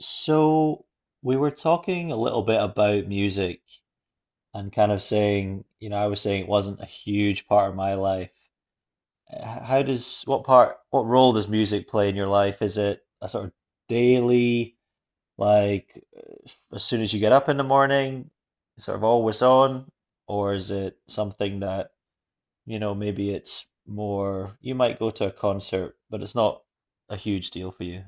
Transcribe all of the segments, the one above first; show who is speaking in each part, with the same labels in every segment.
Speaker 1: So we were talking a little bit about music and kind of saying, I was saying it wasn't a huge part of my life. How does, what part, what role does music play in your life? Is it a sort of daily, like uh, as soon as you get up in the morning, sort of always on? Or is it something that, maybe it's more, you might go to a concert, but it's not a huge deal for you?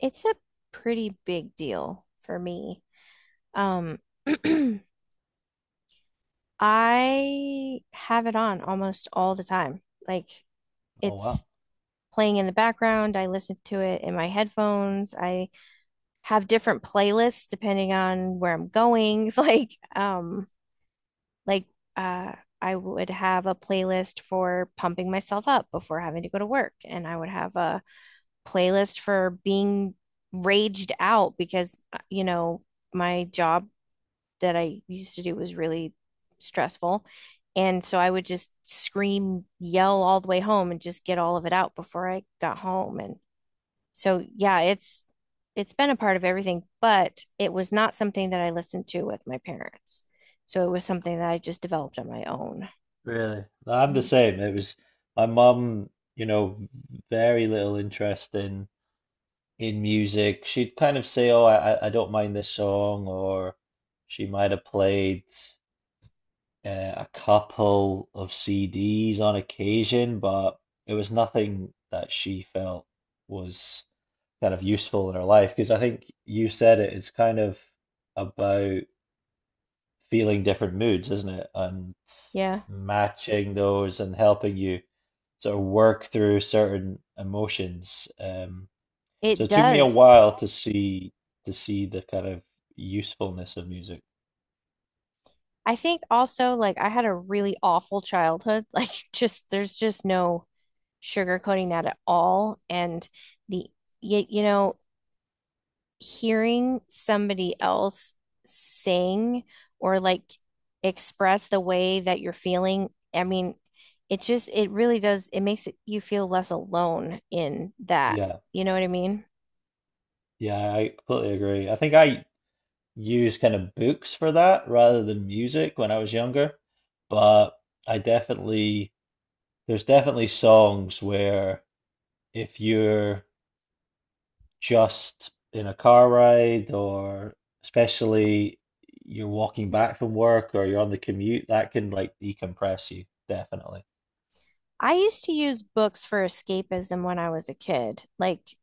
Speaker 2: It's a pretty big deal for me. Um, I have it on almost all the time. Like
Speaker 1: Oh, wow.
Speaker 2: it's playing in the background. I listen to it in my headphones. I have different playlists depending on where I'm going. Like uh I would have a playlist for pumping myself up before having to go to work, and I would have a playlist for being raged out because, you know, my job that I used to do was really stressful. And so I would just scream, yell all the way home and just get all of it out before I got home. And so, yeah, it's been a part of everything, but it was not something that I listened to with my parents. So it was something that I just developed on my own.
Speaker 1: Really? Well, I'm the
Speaker 2: Mhm.
Speaker 1: same. It was my mum, you know, very little interest in music. She'd kind of say, "Oh, I don't mind this song," or she might have played uh, a couple of CDs on occasion, but it was nothing that she felt was kind of useful in her life. Because I think you said it, it's kind of about feeling different moods, isn't it? And
Speaker 2: Yeah,
Speaker 1: matching those and helping you sort of work through certain emotions. So
Speaker 2: it
Speaker 1: it took me a
Speaker 2: does.
Speaker 1: while to see the kind of usefulness of music.
Speaker 2: I think also like I had a really awful childhood. Like just there's just no sugarcoating that at all. And the you know, hearing somebody else sing or like express the way that you're feeling, I mean, it just, it really does, it makes it, you feel less alone in that.
Speaker 1: Yeah,
Speaker 2: You know what I mean?
Speaker 1: yeah, I completely agree. I think I used kind of books for that rather than music when I was younger, but I definitely there's definitely songs where if you're just in a car ride or especially you're walking back from work or you're on the commute, that can like decompress you, definitely.
Speaker 2: I used to use books for escapism when I was a kid. Like,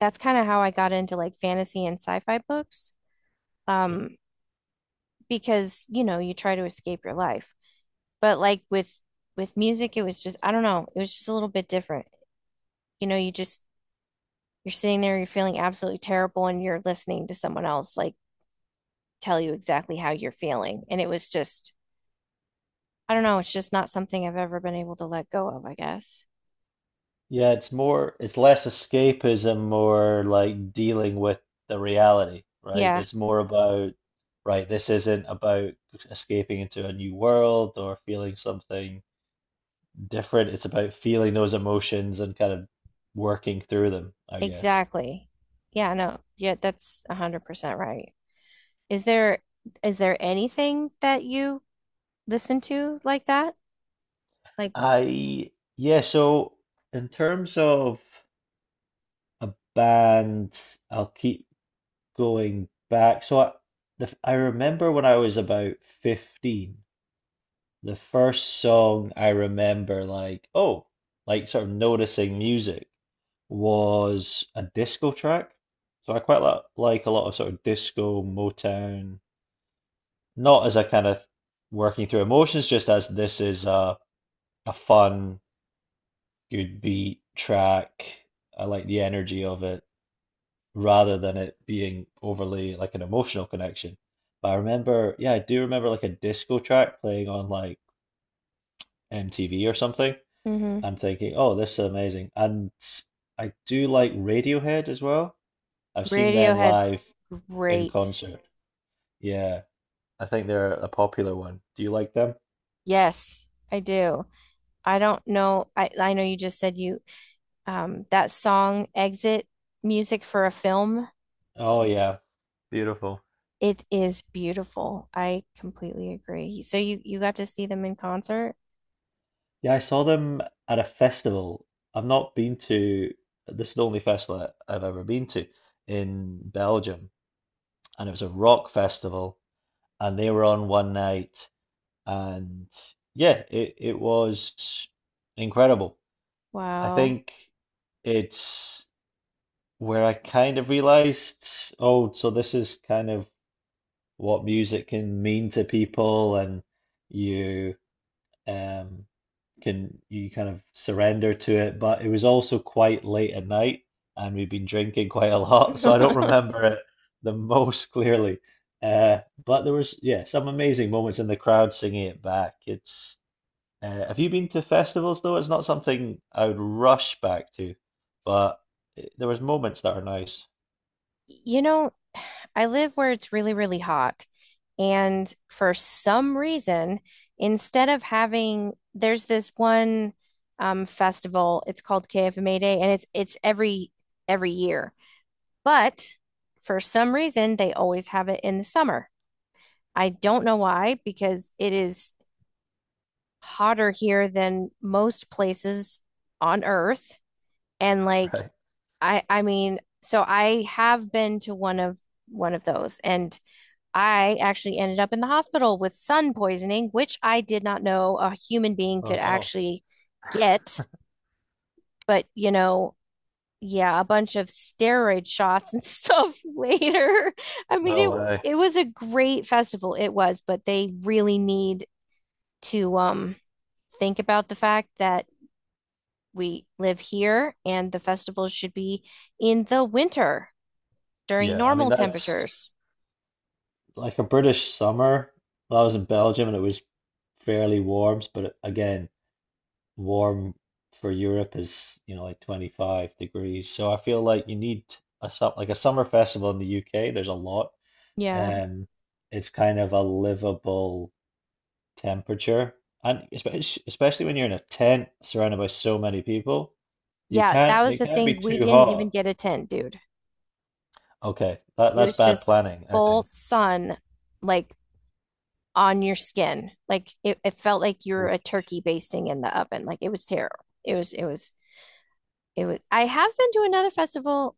Speaker 2: that's kind of how I got into like fantasy and sci-fi books.
Speaker 1: Sure.
Speaker 2: Um, because, you know, you try to escape your life. But like with music, it was just, I don't know, it was just a little bit different. You know, you're sitting there, you're feeling absolutely terrible, and you're listening to someone else like tell you exactly how you're feeling. And it was just, I don't know, it's just not something I've ever been able to let go of, I guess.
Speaker 1: Yeah, it's more, it's less escapism, more like dealing with the reality, right?
Speaker 2: Yeah,
Speaker 1: It's more about, right, this isn't about escaping into a new world or feeling something different. It's about feeling those emotions and kind of working through them, I guess.
Speaker 2: exactly. Yeah, no, yeah, that's 100% right. Is there is there anything that you listen to like that? Like,
Speaker 1: I yeah, so in terms of a band, I'll keep going back. I remember when I was about 15, the first song I remember like, oh, like sort of noticing music was a disco track. So I quite like a lot of sort of disco, Motown, not as a kind of working through emotions, just as this is a fun good beat track. I like the energy of it rather than it being overly like an emotional connection. But I remember, yeah, I do remember like a disco track playing on like MTV or something.
Speaker 2: hmm.
Speaker 1: I'm thinking, oh, this is amazing. And I do like Radiohead as well. I've seen them
Speaker 2: Radiohead's
Speaker 1: live in
Speaker 2: great.
Speaker 1: concert. Yeah, I think they're a popular one. Do you like them?
Speaker 2: Yes, I do. I don't know. I know you just said you that song exit music for a film.
Speaker 1: Oh, yeah, beautiful.
Speaker 2: It is beautiful. I completely agree. So you got to see them in concert?
Speaker 1: Yeah, I saw them at a festival. I've not been to, this is the only festival I've ever been to in Belgium. And it was a rock festival, and they were on one night. And yeah, it was incredible. I
Speaker 2: Wow.
Speaker 1: think it's where I kind of realized, oh, so this is kind of what music can mean to people, and you, um, can you kind of surrender to it. But it was also quite late at night, and we have been drinking quite a lot, so I don't remember it the most clearly. Uh, but there was yeah some amazing moments in the crowd singing it back. It's have you been to festivals though? It's not something I would rush back to, but there was moments that are nice.
Speaker 2: You know, I live where it's really, really hot. And for some reason, there's this one festival. It's called KFMA Day, and it's every year. But for some reason, they always have it in the summer. I don't know why, because it is hotter here than most places on Earth. And like
Speaker 1: Right.
Speaker 2: so I have been to one of those and I actually ended up in the hospital with sun poisoning, which I did not know a human being
Speaker 1: Oh
Speaker 2: could
Speaker 1: no,
Speaker 2: actually get, but you know, yeah, a bunch of steroid shots and stuff later. I mean,
Speaker 1: no way.
Speaker 2: it was a great festival, it was, but they really need to think about the fact that we live here and the festival should be in the winter during
Speaker 1: Yeah, I mean
Speaker 2: normal
Speaker 1: that's
Speaker 2: temperatures.
Speaker 1: like a British summer. Well, I was in Belgium and it was fairly warm, but again, warm for Europe is, you know, like 25 degrees. So I feel like you need a some like a summer festival in the UK, there's a lot.
Speaker 2: Yeah.
Speaker 1: Um, it's kind of a livable temperature. And especially when you're in a tent surrounded by so many people, you
Speaker 2: Yeah, that
Speaker 1: can't
Speaker 2: was
Speaker 1: it
Speaker 2: the
Speaker 1: can't be
Speaker 2: thing. We
Speaker 1: too
Speaker 2: didn't even
Speaker 1: hot.
Speaker 2: get a tent, dude.
Speaker 1: Okay,
Speaker 2: It
Speaker 1: that's
Speaker 2: was
Speaker 1: bad
Speaker 2: just
Speaker 1: planning, I
Speaker 2: full
Speaker 1: think.
Speaker 2: sun, like on your skin. Like it felt like you're
Speaker 1: Oh
Speaker 2: a turkey basting in the oven. Like it was terrible. It was. I have been to another festival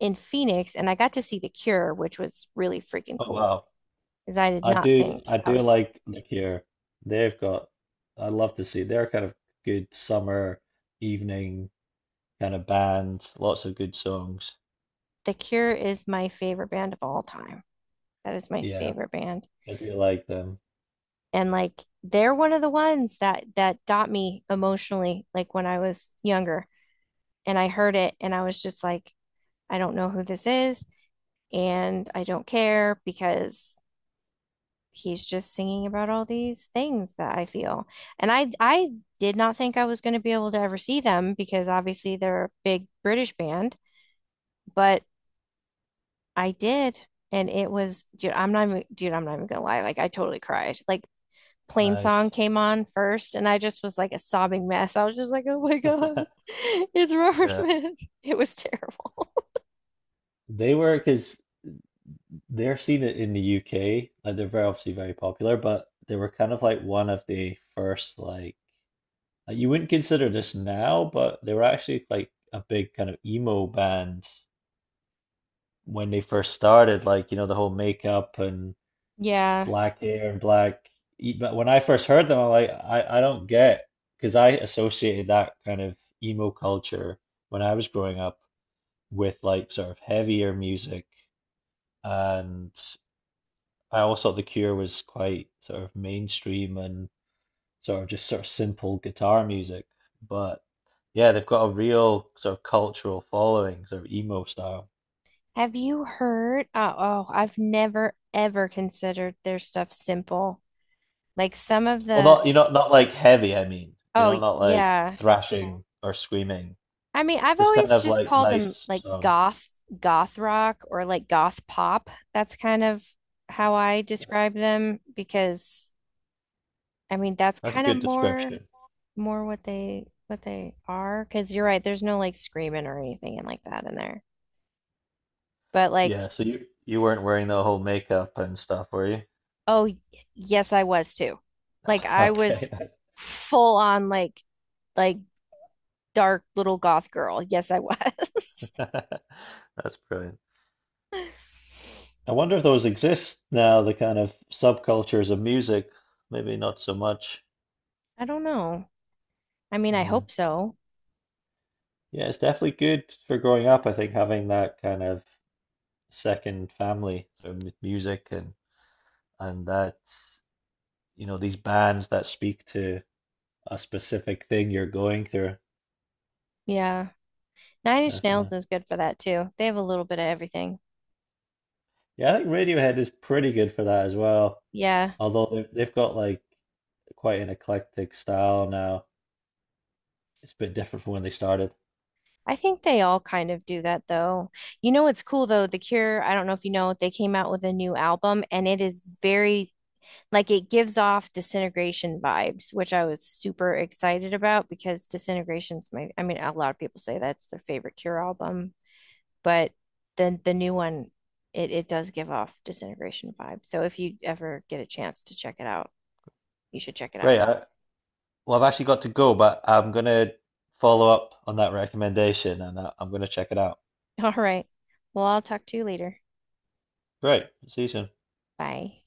Speaker 2: in Phoenix and I got to see The Cure, which was really freaking
Speaker 1: oh,
Speaker 2: cool
Speaker 1: wow.
Speaker 2: because I did not think
Speaker 1: I
Speaker 2: I
Speaker 1: do
Speaker 2: was.
Speaker 1: like look here. They've got I love to see their kind of good summer evening kind of band, lots of good songs.
Speaker 2: The Cure is my favorite band of all time. That is my
Speaker 1: Yeah,
Speaker 2: favorite band.
Speaker 1: I do like them.
Speaker 2: And like they're one of the ones that got me emotionally like when I was younger and I heard it and I was just like I don't know who this is and I don't care because he's just singing about all these things that I feel. And I did not think I was going to be able to ever see them because obviously they're a big British band, but I did. And it was, dude, I'm not even, dude, I'm not even gonna lie. Like, I totally cried. Like, Plain Song
Speaker 1: Nice.
Speaker 2: came on first, and I just was like a sobbing mess. I was just like, oh my God, it's Robert
Speaker 1: Yeah.
Speaker 2: Smith. It was terrible.
Speaker 1: They were because they're seen it in the UK. Like they're very obviously very popular, but they were kind of like one of the first you wouldn't consider this now, but they were actually like a big kind of emo band when they first started. Like you know the whole makeup and
Speaker 2: Yeah.
Speaker 1: black hair and black. But when I first heard them, I'm like, I don't get, because I associated that kind of emo culture when I was growing up with like sort of heavier music, and I always thought The Cure was quite sort of mainstream and sort of just sort of simple guitar music. But yeah, they've got a real sort of cultural following, sort of emo style.
Speaker 2: Have you heard? Oh, I've never ever considered their stuff simple. Like, some of
Speaker 1: Well,
Speaker 2: the,
Speaker 1: not you know, not like heavy, I mean, you
Speaker 2: oh,
Speaker 1: know, not like
Speaker 2: yeah.
Speaker 1: thrashing or screaming.
Speaker 2: I mean, I've
Speaker 1: Just kind
Speaker 2: always
Speaker 1: of
Speaker 2: just
Speaker 1: like
Speaker 2: called them
Speaker 1: nice
Speaker 2: like
Speaker 1: song.
Speaker 2: goth, goth rock or like goth pop. That's kind of how I describe them because I mean, that's
Speaker 1: That's a
Speaker 2: kind
Speaker 1: good
Speaker 2: of more
Speaker 1: description.
Speaker 2: more what they are because you're right, there's no like screaming or anything and like that in there. But like,
Speaker 1: Yeah, so you weren't wearing the whole makeup and stuff, were you?
Speaker 2: oh, y- yes, I was too. Like I was
Speaker 1: Okay.
Speaker 2: full on like dark little goth girl. Yes, I was.
Speaker 1: That's brilliant. I wonder if those exist now, the kind of subcultures of music. Maybe not so much.
Speaker 2: I don't know. I mean, I
Speaker 1: Yeah.
Speaker 2: hope so.
Speaker 1: Yeah, it's definitely good for growing up, I think, having that kind of second family with music and that, you know, these bands that speak to a specific thing you're going through.
Speaker 2: Yeah. Nine Inch Nails
Speaker 1: Definitely.
Speaker 2: is good for that too. They have a little bit of everything.
Speaker 1: Yeah, I think Radiohead is pretty good for that as well.
Speaker 2: Yeah.
Speaker 1: Although they've got like quite an eclectic style now. It's a bit different from when they started.
Speaker 2: I think they all kind of do that though. You know what's cool though? The Cure, I don't know if you know, they came out with a new album and it is very like it gives off Disintegration vibes, which I was super excited about because Disintegration's my I mean a lot of people say that's their favorite Cure album, but then the new one it does give off Disintegration vibes. So if you ever get a chance to check it out, you should check it out.
Speaker 1: Great. Well, I've actually got to go, but I'm gonna follow up on that recommendation and I'm gonna check it out.
Speaker 2: All right. Well, I'll talk to you later.
Speaker 1: Great. See you soon.
Speaker 2: Bye.